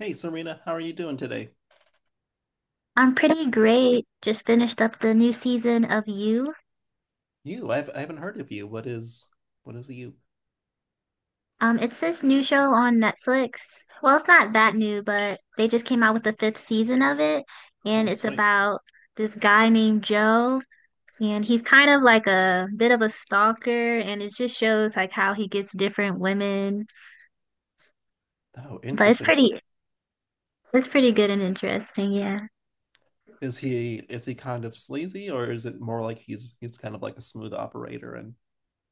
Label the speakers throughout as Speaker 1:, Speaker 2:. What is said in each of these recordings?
Speaker 1: Hey Serena, how are you doing today?
Speaker 2: I'm pretty great. Just finished up the new season of You.
Speaker 1: You, I haven't heard of you. What is you?
Speaker 2: It's this new show on Netflix. Well, it's not that new, but they just came out with the fifth season of it, and
Speaker 1: Oh,
Speaker 2: it's
Speaker 1: sweet.
Speaker 2: about this guy named Joe, and he's kind of like a bit of a stalker, and it just shows like how he gets different women.
Speaker 1: Oh,
Speaker 2: But
Speaker 1: interesting. So
Speaker 2: it's pretty good and interesting, yeah.
Speaker 1: is he kind of sleazy or is it more like he's kind of like a smooth operator and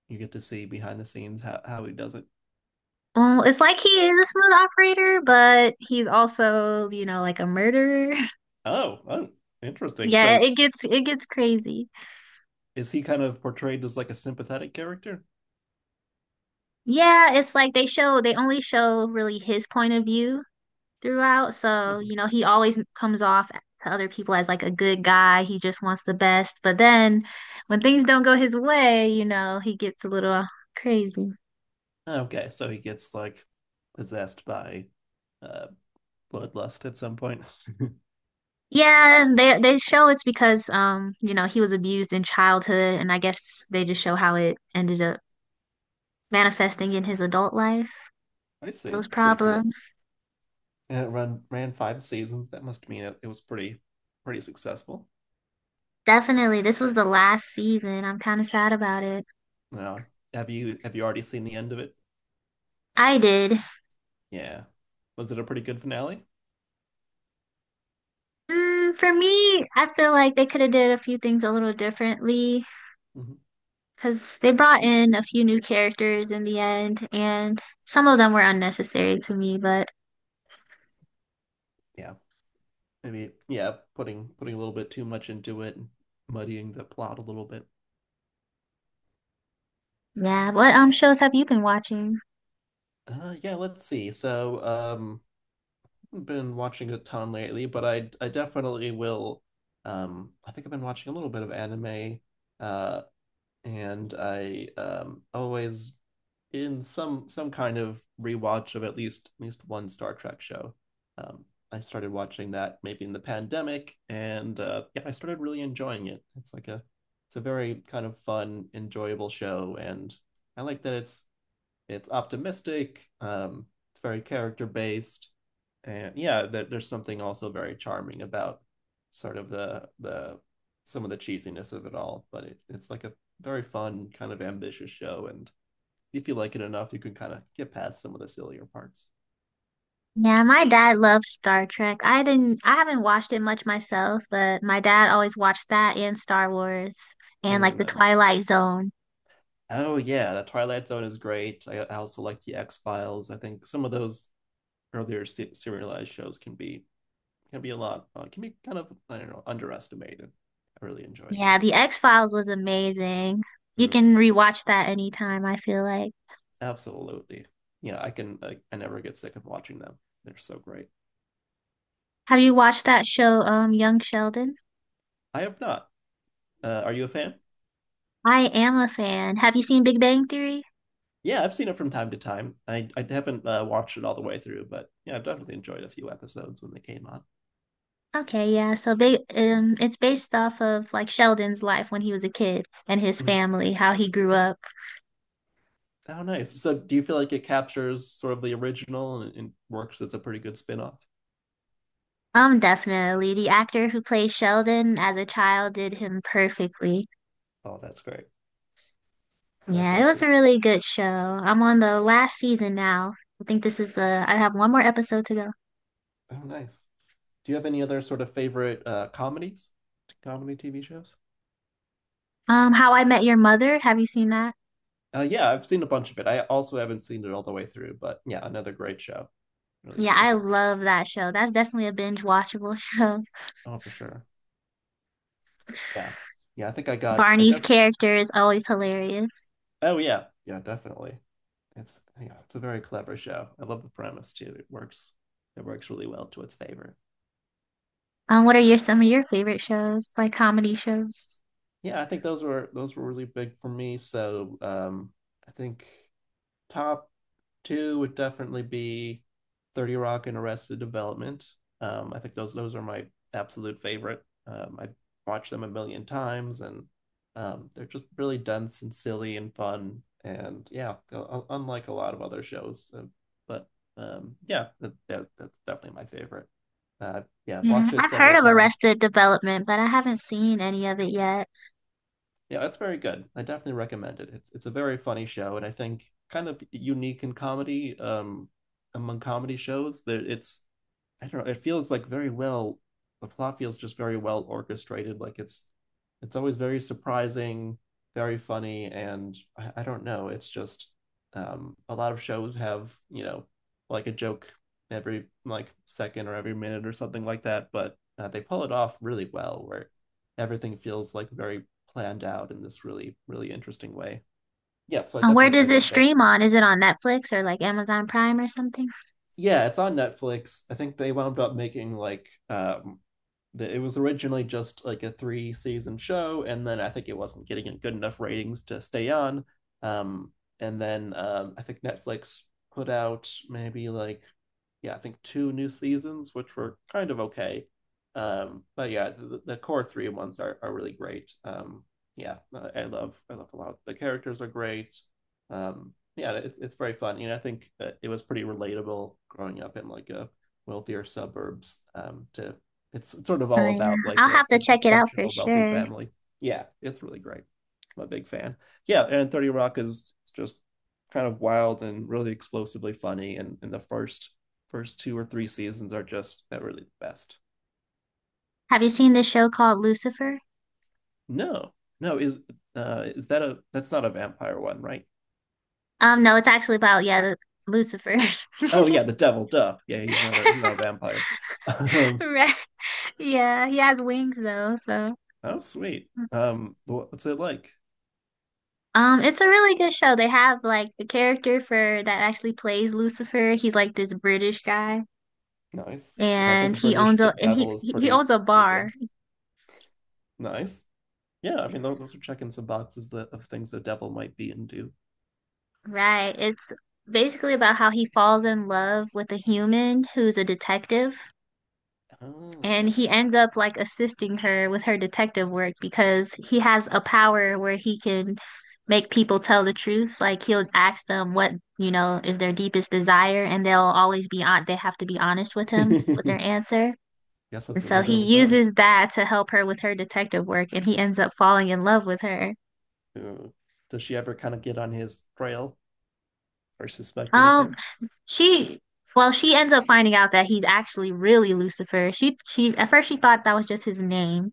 Speaker 1: you get to see behind the scenes how he does it?
Speaker 2: Well, it's like he is a smooth operator, but he's also, you know, like a murderer.
Speaker 1: Oh, oh, interesting.
Speaker 2: Yeah,
Speaker 1: So
Speaker 2: it gets crazy.
Speaker 1: is he kind of portrayed as like a sympathetic character?
Speaker 2: Yeah, it's like they only show really his point of view throughout. So,
Speaker 1: Mhm.
Speaker 2: you know, he always comes off to other people as like a good guy. He just wants the best. But then when things don't go his way, you know, he gets a little crazy.
Speaker 1: Okay, so he gets like possessed by uh bloodlust at some point.
Speaker 2: Yeah, they show it's because you know, he was abused in childhood and I guess they just show how it ended up manifesting in his adult life,
Speaker 1: I see.
Speaker 2: those
Speaker 1: That's pretty cool.
Speaker 2: problems.
Speaker 1: And it run ran five seasons. That must mean it was pretty successful.
Speaker 2: Definitely, this was the last season. I'm kind of sad about it.
Speaker 1: Now, have you already seen the end of it?
Speaker 2: I did.
Speaker 1: Yeah. Was it a pretty good finale?
Speaker 2: For me, I feel like they could have did a few things a little differently
Speaker 1: Hmm.
Speaker 2: because they brought in a few new characters in the end, and some of them were unnecessary to me. But
Speaker 1: Yeah. Maybe, yeah, putting a little bit too much into it, and muddying the plot a little bit.
Speaker 2: yeah, what shows have you been watching?
Speaker 1: Yeah, let's see. So, I've been watching a ton lately, but I definitely will. I think I've been watching a little bit of anime. Uh, and I always in some kind of rewatch of at least one Star Trek show. Um, I started watching that maybe in the pandemic, and yeah, I started really enjoying it. It's a very kind of fun, enjoyable show, and I like that it's optimistic, it's very character based, and yeah, there's something also very charming about sort of the some of the cheesiness of it all, but it's like a very fun kind of ambitious show, and if you like it enough you can kind of get past some of the sillier parts.
Speaker 2: Yeah, my dad loves Star Trek. I haven't watched it much myself, but my dad always watched that and Star Wars and
Speaker 1: Ooh,
Speaker 2: like the
Speaker 1: nice.
Speaker 2: Twilight Zone.
Speaker 1: Oh yeah, the Twilight Zone is great. I also like the x files I think some of those earlier serialized shows can be a lot, can be kind of, I don't know, underestimated. I really enjoyed them.
Speaker 2: Yeah, the X-Files was amazing. You
Speaker 1: Ooh.
Speaker 2: can rewatch that anytime, I feel like.
Speaker 1: Absolutely. Yeah, I can. I never get sick of watching them. They're so great.
Speaker 2: Have you watched that show, Young Sheldon?
Speaker 1: I have not. Are you a fan?
Speaker 2: I am a fan. Have you seen Big Bang Theory?
Speaker 1: Yeah, I've seen it from time to time. I haven't watched it all the way through, but yeah, I've definitely enjoyed a few episodes when they came on.
Speaker 2: Okay, yeah. So big, it's based off of like Sheldon's life when he was a kid and his
Speaker 1: Mhm.
Speaker 2: family, how he grew up.
Speaker 1: Oh, nice. So, do you feel like it captures sort of the original, and works as a pretty good spin-off?
Speaker 2: Definitely. The actor who plays Sheldon as a child did him perfectly.
Speaker 1: Oh, that's great. That's
Speaker 2: Yeah, it was a
Speaker 1: excellent.
Speaker 2: really good show. I'm on the last season now. I think I have one more episode to go.
Speaker 1: Oh, nice. Do you have any other sort of favorite comedies, comedy TV shows?
Speaker 2: How I Met Your Mother. Have you seen that?
Speaker 1: Yeah, I've seen a bunch of it. I also haven't seen it all the way through, but yeah, another great show. Really
Speaker 2: Yeah, I
Speaker 1: terrific.
Speaker 2: love that show. That's definitely a binge watchable show.
Speaker 1: Oh, for sure. Yeah. Yeah, I think I got I
Speaker 2: Barney's
Speaker 1: def
Speaker 2: character is always hilarious.
Speaker 1: oh yeah. Yeah, definitely. It's a very clever show. I love the premise too. It works really well to its favor.
Speaker 2: What are your some of your favorite shows, like comedy shows?
Speaker 1: Yeah, I think those were really big for me. So, I think top two would definitely be 30 Rock and Arrested Development. I think those are my absolute favorite. I watched them a million times, and they're just really dense and silly and fun. And yeah, unlike a lot of other shows, but yeah, that's definitely my favorite. Yeah, I've
Speaker 2: Yeah,
Speaker 1: watched it
Speaker 2: I've
Speaker 1: several
Speaker 2: heard of
Speaker 1: times.
Speaker 2: Arrested Development, but I haven't seen any of it yet.
Speaker 1: Yeah, it's very good. I definitely recommend it. It's a very funny show, and I think kind of unique in comedy, among comedy shows. There, it's, I don't know. It feels like very well. The plot feels just very well orchestrated. Like, it's always very surprising, very funny, and I don't know. It's just, a lot of shows have, like a joke every like second or every minute or something like that, but they pull it off really well, where everything feels like very planned out in this really interesting way. Yeah, so
Speaker 2: Where
Speaker 1: I
Speaker 2: does it
Speaker 1: love that.
Speaker 2: stream on? Is it on Netflix or like Amazon Prime or something?
Speaker 1: Yeah, it's on Netflix. I think they wound up making like, that it was originally just like a three season show, and then I think it wasn't getting good enough ratings to stay on. Um, and then, I think Netflix put out maybe like, yeah, I think two new seasons, which were kind of okay. But yeah, the core three ones are really great. Yeah, I love a lot. The characters are great. Yeah, it's very fun. You know, I think it was pretty relatable growing up in like a wealthier suburbs, to it's sort of
Speaker 2: Oh
Speaker 1: all
Speaker 2: yeah,
Speaker 1: about like
Speaker 2: I'll
Speaker 1: a,
Speaker 2: have to
Speaker 1: a
Speaker 2: check it out for
Speaker 1: dysfunctional wealthy
Speaker 2: sure.
Speaker 1: family. Yeah, it's really great. I'm a big fan. Yeah, and 30 Rock is just kind of wild and really explosively funny. And the first two or three seasons are just not really the best.
Speaker 2: Have you seen this show called Lucifer?
Speaker 1: No, no, is that a that's not a vampire one, right?
Speaker 2: No, it's actually about Lucifer.
Speaker 1: Oh yeah, the devil, duh. Yeah, he's not a vampire. Um,
Speaker 2: Right. Yeah, he has wings though, so.
Speaker 1: oh sweet. What's it like?
Speaker 2: It's a really good show. They have like the character for that actually plays Lucifer. He's like this British guy.
Speaker 1: Nice. Yeah, I think
Speaker 2: And
Speaker 1: a
Speaker 2: he owns
Speaker 1: British
Speaker 2: a and
Speaker 1: devil is
Speaker 2: he
Speaker 1: pretty
Speaker 2: owns a
Speaker 1: pretty
Speaker 2: bar.
Speaker 1: good. Nice. Yeah, I mean, those are checking some boxes that of things the devil might be and do.
Speaker 2: Right. It's basically about how he falls in love with a human who's a detective and
Speaker 1: Oh,
Speaker 2: he ends up like assisting her with her detective work because he has a power where he can make people tell the truth. Like he'll ask them what, you know, is their deepest desire and they have to be honest with him with their
Speaker 1: guess
Speaker 2: answer.
Speaker 1: that's what
Speaker 2: And so
Speaker 1: the
Speaker 2: he
Speaker 1: devil does.
Speaker 2: uses that to help her with her detective work and he ends up falling in love with her.
Speaker 1: Uh, Does she ever kind of get on his trail or suspect
Speaker 2: Um,
Speaker 1: anything?
Speaker 2: she Well, she ends up finding out that he's actually really Lucifer. She at first she thought that was just his name.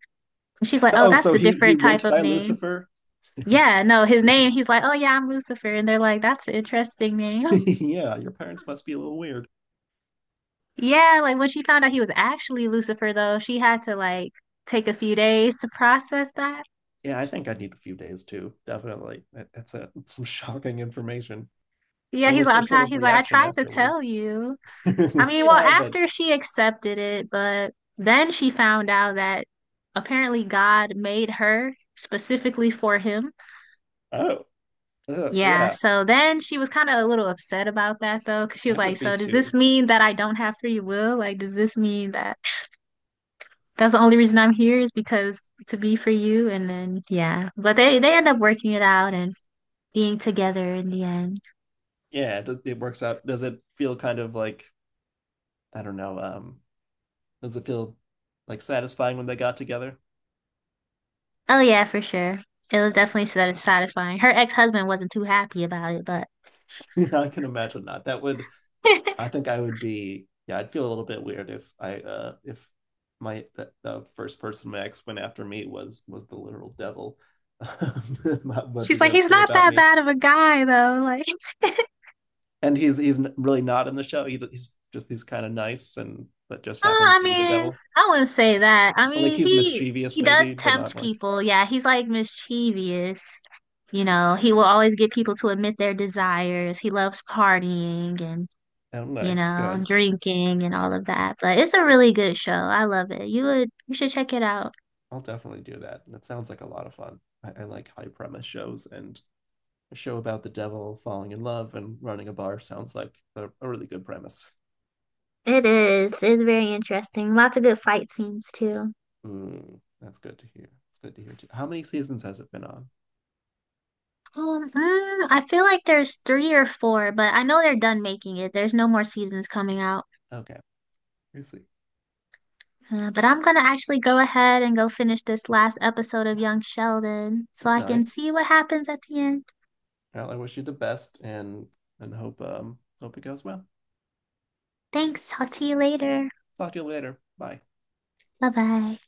Speaker 2: And she's like, "Oh,
Speaker 1: Oh,
Speaker 2: that's
Speaker 1: so
Speaker 2: a
Speaker 1: he
Speaker 2: different type
Speaker 1: went
Speaker 2: of
Speaker 1: by
Speaker 2: name."
Speaker 1: Lucifer?
Speaker 2: Yeah, no, his name, he's like, "Oh yeah, I'm Lucifer." And they're like, "That's an interesting name."
Speaker 1: Yeah, your parents must be a little weird.
Speaker 2: Yeah, like when she found out he was actually Lucifer though, she had to like take a few days to process that.
Speaker 1: Yeah, I think I need a few days too. Definitely. That's a, some shocking information.
Speaker 2: Yeah,
Speaker 1: What
Speaker 2: he's
Speaker 1: was
Speaker 2: like,
Speaker 1: her
Speaker 2: "I'm
Speaker 1: sort
Speaker 2: trying."
Speaker 1: of
Speaker 2: He's like, "I
Speaker 1: reaction
Speaker 2: tried to tell
Speaker 1: afterwards?
Speaker 2: you." I mean, well,
Speaker 1: Yeah, but
Speaker 2: after she accepted it, but then she found out that apparently God made her specifically for him.
Speaker 1: oh,
Speaker 2: Yeah,
Speaker 1: yeah,
Speaker 2: so then she was kind of a little upset about that though, because she
Speaker 1: I
Speaker 2: was like,
Speaker 1: would be
Speaker 2: so does this
Speaker 1: too.
Speaker 2: mean that I don't have free will? Like, does this mean that that's the only reason I'm here is because to be for you? And then, yeah, but they end up working it out and being together in the end.
Speaker 1: Yeah, it works out. Does it feel kind of like, I don't know. Does it feel like satisfying when they got together?
Speaker 2: Oh, yeah, for sure. It was
Speaker 1: Nice.
Speaker 2: definitely sat- satisfying. Her ex-husband wasn't too happy about it, but
Speaker 1: Yeah, I can imagine not. That would. I think I would be. Yeah, I'd feel a little bit weird if I if the first person my ex went after me was the literal devil. What
Speaker 2: she's
Speaker 1: does
Speaker 2: like,
Speaker 1: that
Speaker 2: he's
Speaker 1: say
Speaker 2: not
Speaker 1: about
Speaker 2: that
Speaker 1: me?
Speaker 2: bad of a guy though. Like,
Speaker 1: And he's really not in the show. He's just he's kind of nice and but just
Speaker 2: oh,
Speaker 1: happens
Speaker 2: I
Speaker 1: to be the
Speaker 2: mean,
Speaker 1: devil.
Speaker 2: I wouldn't say that. I
Speaker 1: Or like
Speaker 2: mean,
Speaker 1: he's mischievous
Speaker 2: he does
Speaker 1: maybe, but not
Speaker 2: tempt
Speaker 1: like,
Speaker 2: people. Yeah, he's like mischievous. You know, he will always get people to admit their desires. He loves partying and,
Speaker 1: I don't know.
Speaker 2: you
Speaker 1: It's
Speaker 2: know,
Speaker 1: good.
Speaker 2: drinking and all of that. But it's a really good show. I love it. You should check it out.
Speaker 1: I'll definitely do that. That sounds like a lot of fun. I like high premise shows, and a show about the devil falling in love and running a bar sounds like a really good premise.
Speaker 2: It is. It's very interesting. Lots of good fight scenes too.
Speaker 1: Mm, that's good to hear. It's good to hear too. How many seasons has it been on?
Speaker 2: I feel like there's three or four, but I know they're done making it. There's no more seasons coming out.
Speaker 1: Okay, we see.
Speaker 2: But I'm gonna actually go ahead and go finish this last episode of Young Sheldon so I can
Speaker 1: Nice.
Speaker 2: see what happens at the end.
Speaker 1: Well, I wish you the best and hope, hope it goes well.
Speaker 2: Thanks. I'll see you later.
Speaker 1: Talk to you later. Bye.
Speaker 2: Bye bye.